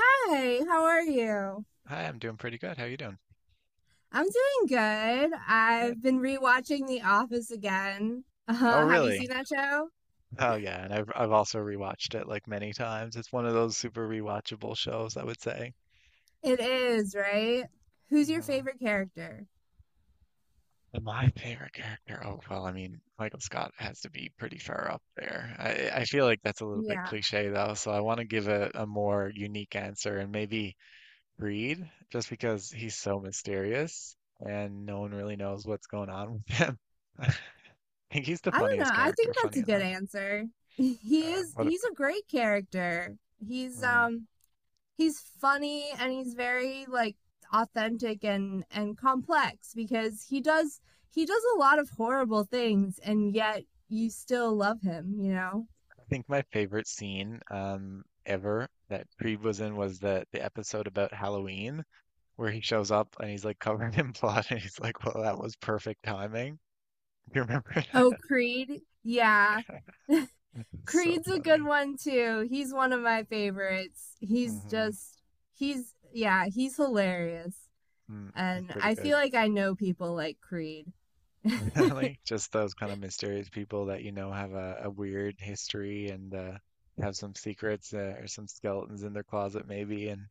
Hey, how are you? Hi, I'm doing pretty good. How you doing? I'm doing good. Good. I've been rewatching The Office again. Oh, Have you really? seen that show? Oh, yeah. And I've also rewatched it like many times. It's one of those super rewatchable shows, I would say. It is, right? Who's your Hmm. favorite character? And my favorite character. Oh, well, I mean, Michael Scott has to be pretty far up there. I feel like that's a little bit Yeah. cliche though, so I want to give a more unique answer and maybe Reed, just because he's so mysterious and no one really knows what's going on with him. I think he's the I don't know. funniest I character, think that's funny a good enough. answer. He Uh, is what? he's a great character. He's um he's funny and he's very like authentic and complex because he does a lot of horrible things and yet you still love him, you know? I think my favorite scene ever that Creed was in was the episode about Halloween where he shows up and he's like covered in blood and he's like, "Well, that was perfect timing." Do you remember Oh, that? Creed. Yeah. It's so Creed's a good funny. one too. He's one of my favorites. He's Hmm. just he's yeah, he's hilarious. Mm, it's And pretty I good. feel like I know people like Creed. Really, just those kind of mysterious people that you know have a weird history and have some secrets or some skeletons in their closet maybe, and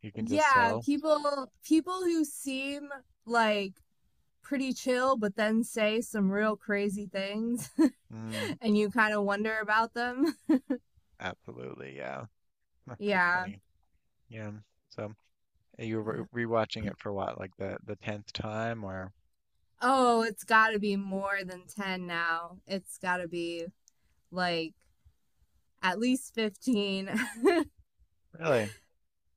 you can just Yeah, tell. people who seem like pretty chill but then say some real crazy things Mm, and you kind of wonder about them. absolutely, yeah. That's pretty Yeah. funny. Yeah. So. You Yeah. were rewatching it for what, like the tenth time, or Oh, it's got to be more than 10 now. It's got to be like at least 15. really,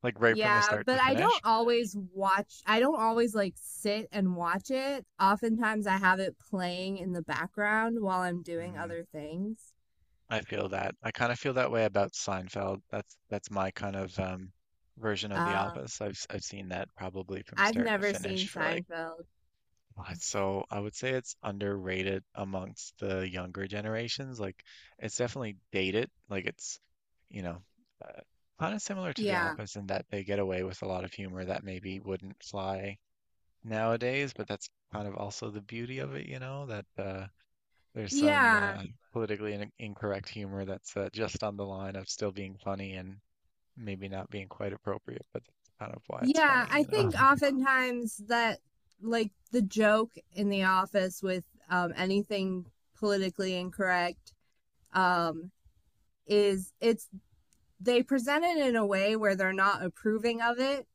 like right from the Yeah, start to but finish? I don't always like sit and watch it. Oftentimes I have it playing in the background while I'm doing Mm, other things. I feel that. I kind of feel that way about Seinfeld. That's my kind of version of The Uh, Office. I've I've seen that probably from I've start to never finish seen for like. Seinfeld. Oh, it's, so I would say it's underrated amongst the younger generations. Like it's definitely dated. Like it's, you know, uh, kind of similar to The Yeah. Office in that they get away with a lot of humor that maybe wouldn't fly nowadays, but that's kind of also the beauty of it, you know, that there's some Yeah. Politically in incorrect humor that's just on the line of still being funny and maybe not being quite appropriate, but that's kind of why it's Yeah. funny, I you know. think oftentimes that like the joke in the office with anything politically incorrect um, is it's they present it in a way where they're not approving of it,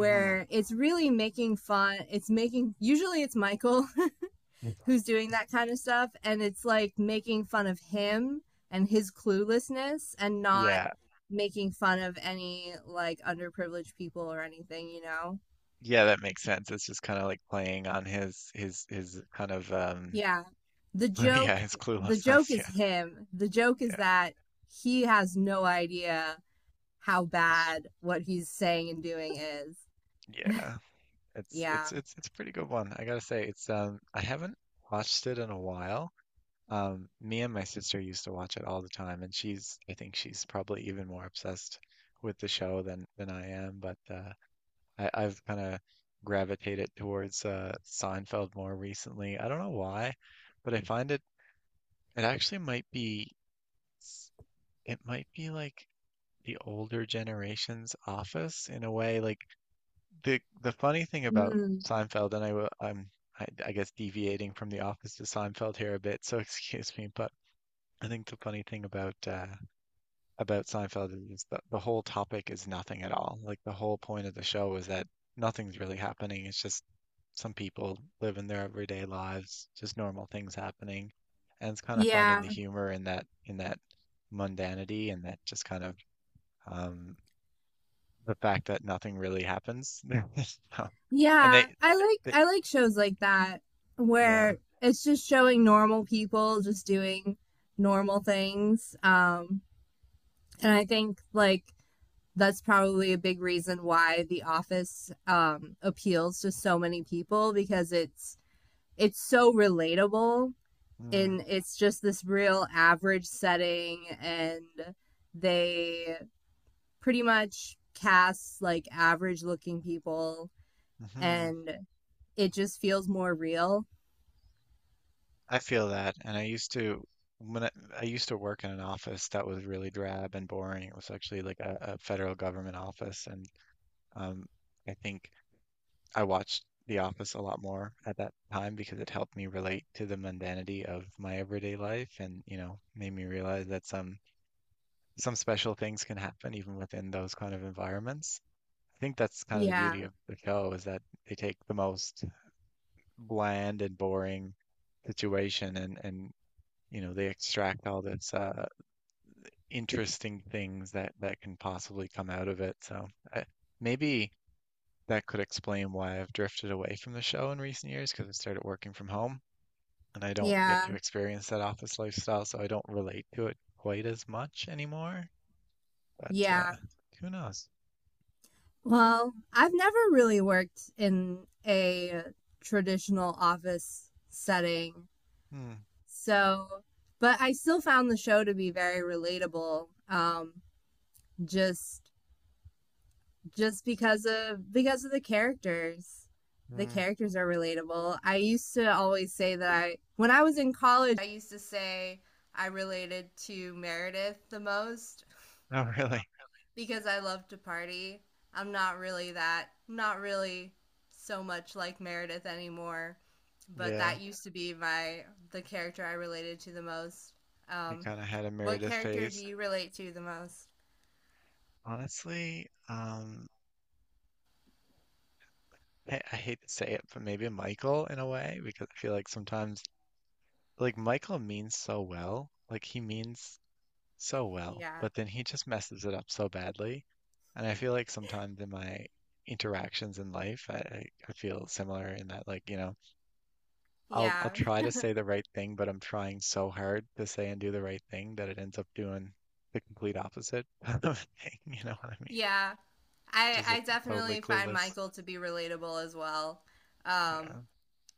Mhm. it's really making fun. Usually it's Michael who's doing that kind of stuff, and it's like making fun of him and his cluelessness and not Yeah, making fun of any like underprivileged people or anything, you know? yeah, that makes sense. It's just kind of like playing on his kind of um, Yeah. The yeah, joke his the joke cluelessness. is him. The joke Yeah, is yeah, that he has no idea how that's true. bad what he's saying and doing is. Yeah. It's Yeah. it's it's it's a pretty good one. I gotta say, it's um, I haven't watched it in a while. Me and my sister used to watch it all the time, and she's, I think she's probably even more obsessed with the show than I am, but I've kind of gravitated towards Seinfeld more recently. I don't know why, but I find it it actually might be s- it might be like the older generation's Office in a way. Like the funny thing about Mm. Seinfeld, and I will I'm I guess deviating from the Office to Seinfeld here a bit, so excuse me, but I think the funny thing about Seinfeld is that the whole topic is nothing at all. Like the whole point of the show is that nothing's really happening. It's just some people living their everyday lives, just normal things happening, and it's kind of fun in Yeah. the humor in that mundanity and that just kind of um, the fact that nothing really happens. So- And Yeah. I they like I like shows like that yeah. where it's just showing normal people just doing normal things. And I think like that's probably a big reason why The Office appeals to so many people because it's so relatable and it's just this real average setting and they pretty much cast like average looking people Mm-hmm. and it just feels more real. I feel that, and I used to when I used to work in an office that was really drab and boring. It was actually like a federal government office, and um, I think I watched The Office a lot more at that time because it helped me relate to the mundanity of my everyday life, and you know, made me realize that some special things can happen even within those kind of environments. I think that's kind of the Yeah. beauty of the show is that they take the most bland and boring situation and you know they extract all this interesting things that that can possibly come out of it. So I, maybe that could explain why I've drifted away from the show in recent years because I started working from home and I don't get Yeah. to experience that office lifestyle, so I don't relate to it quite as much anymore. But Yeah. Who knows? Well, I've never really worked in a traditional office setting. Hmm. So, but I still found the show to be very relatable. Just just because of the characters. The Hmm. characters are relatable. I used to always say that I when I was in college, I used to say I related to Meredith the most Not really. because I love to party. I'm not really that, not really so much like Meredith anymore, but Yeah, that used to be my the character I related to the most. we Um, kind of had a what Meredith character do phase. you relate to the most? Honestly, I hate to say it, but maybe Michael in a way, because I feel like sometimes like Michael means so well, like he means so well, Yeah, but then he just messes it up so badly. And I feel like sometimes in my interactions in life, I feel similar in that like, you know, I'll yeah, try to say the right thing, but I'm trying so hard to say and do the right thing that it ends up doing the complete opposite of the thing, you know what I mean? yeah. I Just I a totally definitely find clueless. Michael to be relatable as well. Um, Yeah.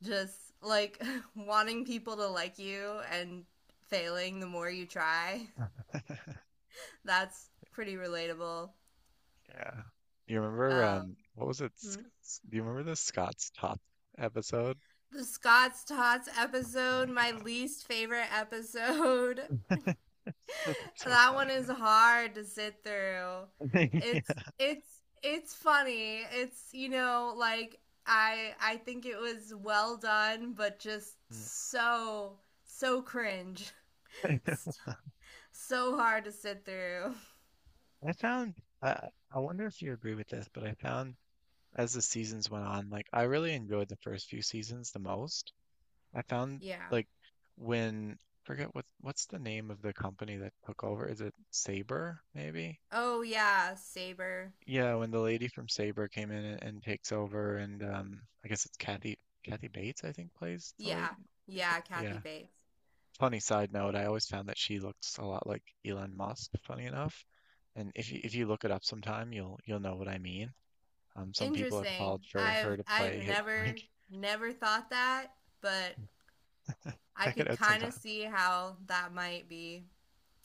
just like wanting people to like you and failing the more you try. That's pretty relatable. Yeah. You remember Um, um, what was it? hmm? Do you remember the Scott's Top episode? The Scott's Tots Oh episode, my my God. least favorite episode. So That one funny is hard to sit through. that. Yeah. It's funny. It's you know like I think it was well done, but just Mm. so cringe, so hard to sit through. I found I I wonder if you agree with this, but I found as the seasons went on, like I really enjoyed the first few seasons the most. I found Yeah. like when forget what what's the name of the company that took over? Is it Saber maybe? Oh yeah, Saber. Yeah, when the lady from Saber came in and takes over, and I guess it's Kathy Bates I think plays the lady. Yeah, yeah, Kathy Yeah, Bates. funny side note, I always found that she looks a lot like Elon Musk, funny enough. And if you look it up sometime, you'll know what I mean. Some people have Interesting. called for I've her to I've play hit never like never thought that, but I check it could out kind of sometime. see how that might be.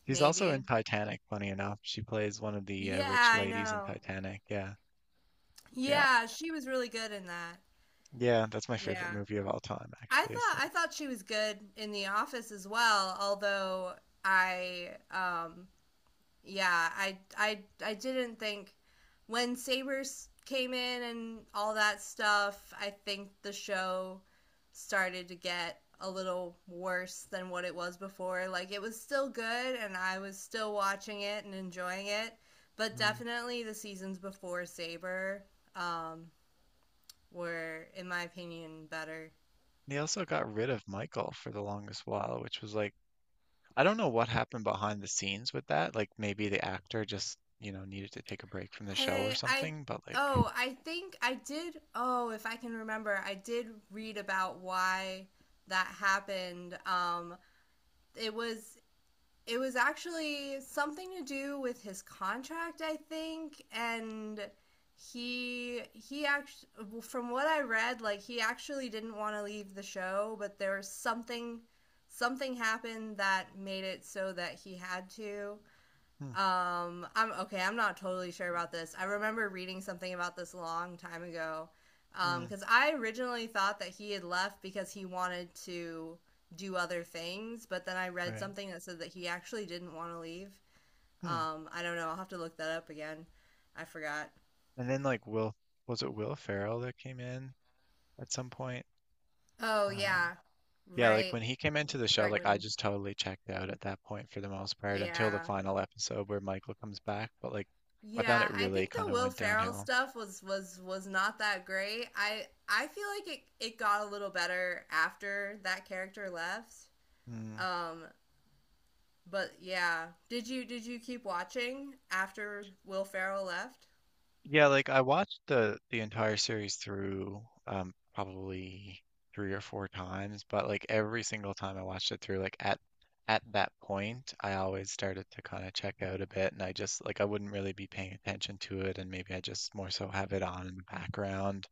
She's also in Maybe. Titanic, funny enough. She plays one of the Yeah, rich I ladies in know. Titanic. Yeah, yeah, Yeah, she was really good in that. yeah. That's my favorite Yeah. movie of all time, I actually. thought So I it's. thought she was good in The Office as well, although I yeah, I I didn't think when Sabers came in and all that stuff, I think the show started to get a little worse than what it was before. Like it was still good and I was still watching it and enjoying it, but Mm. definitely the seasons before Saber um were in my opinion better. They also got rid of Michael for the longest while, which was like I don't know what happened behind the scenes with that. Like maybe the actor just, you know, needed to take a break from the show or I something, but like oh, I think if I can remember, I did read about why that happened. It was it was actually something to do with his contract, I think, and he actually from what I read, like he actually didn't want to leave the show, but there was something something happened that made it so that he had to. hmm, I'm okay. I'm not totally sure about this. I remember reading something about this a long time ago. Hmm, Because I originally thought that he had left because he wanted to do other things, but then I read right. something that said that he actually didn't want to leave. Hmm. I don't know. I'll have to look that up again. I forgot. And then like Will was it Will Ferrell that came in at some point? Oh Um, yeah, yeah, like right, when he came into the show, right like I when just totally checked out at that point for the most part until the yeah. final episode where Michael comes back, but like I found Yeah, it I really think kind the of Will went Ferrell downhill. stuff was was not that great. I feel like it got a little better after that character left. Hmm. Um, but yeah, did you keep watching after Will Ferrell left? Yeah, like I watched the entire series through um, probably three or four times, but like every single time I watched it through, like at that point, I always started to kind of check out a bit and I just like I wouldn't really be paying attention to it and maybe I just more so have it on in the background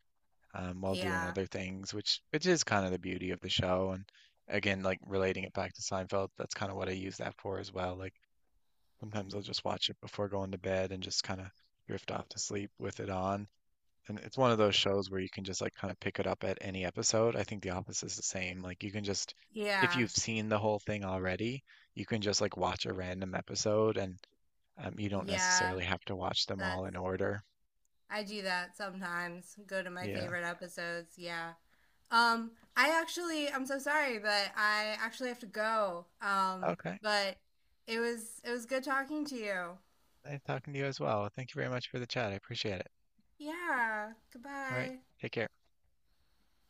um, while doing Yeah. other things, which is kind of the beauty of the show and again like relating it back to Seinfeld, that's kind of what I use that for as well. Like sometimes I'll just watch it before going to bed and just kind of drift off to sleep with it on. And it's one of those shows where you can just like kind of pick it up at any episode. I think The Office is the same. Like you can just if Yeah. you've seen the whole thing already, you can just like watch a random episode and you don't Yeah. necessarily have to watch them That's all in order. I do that sometimes. Go to my Yeah. favorite episodes. Yeah. I actually I'm so sorry, but I actually have to go. Okay. But it was good talking to you. Nice talking to you as well. Thank you very much for the chat. I appreciate it. Yeah. All right. Goodbye. Take care.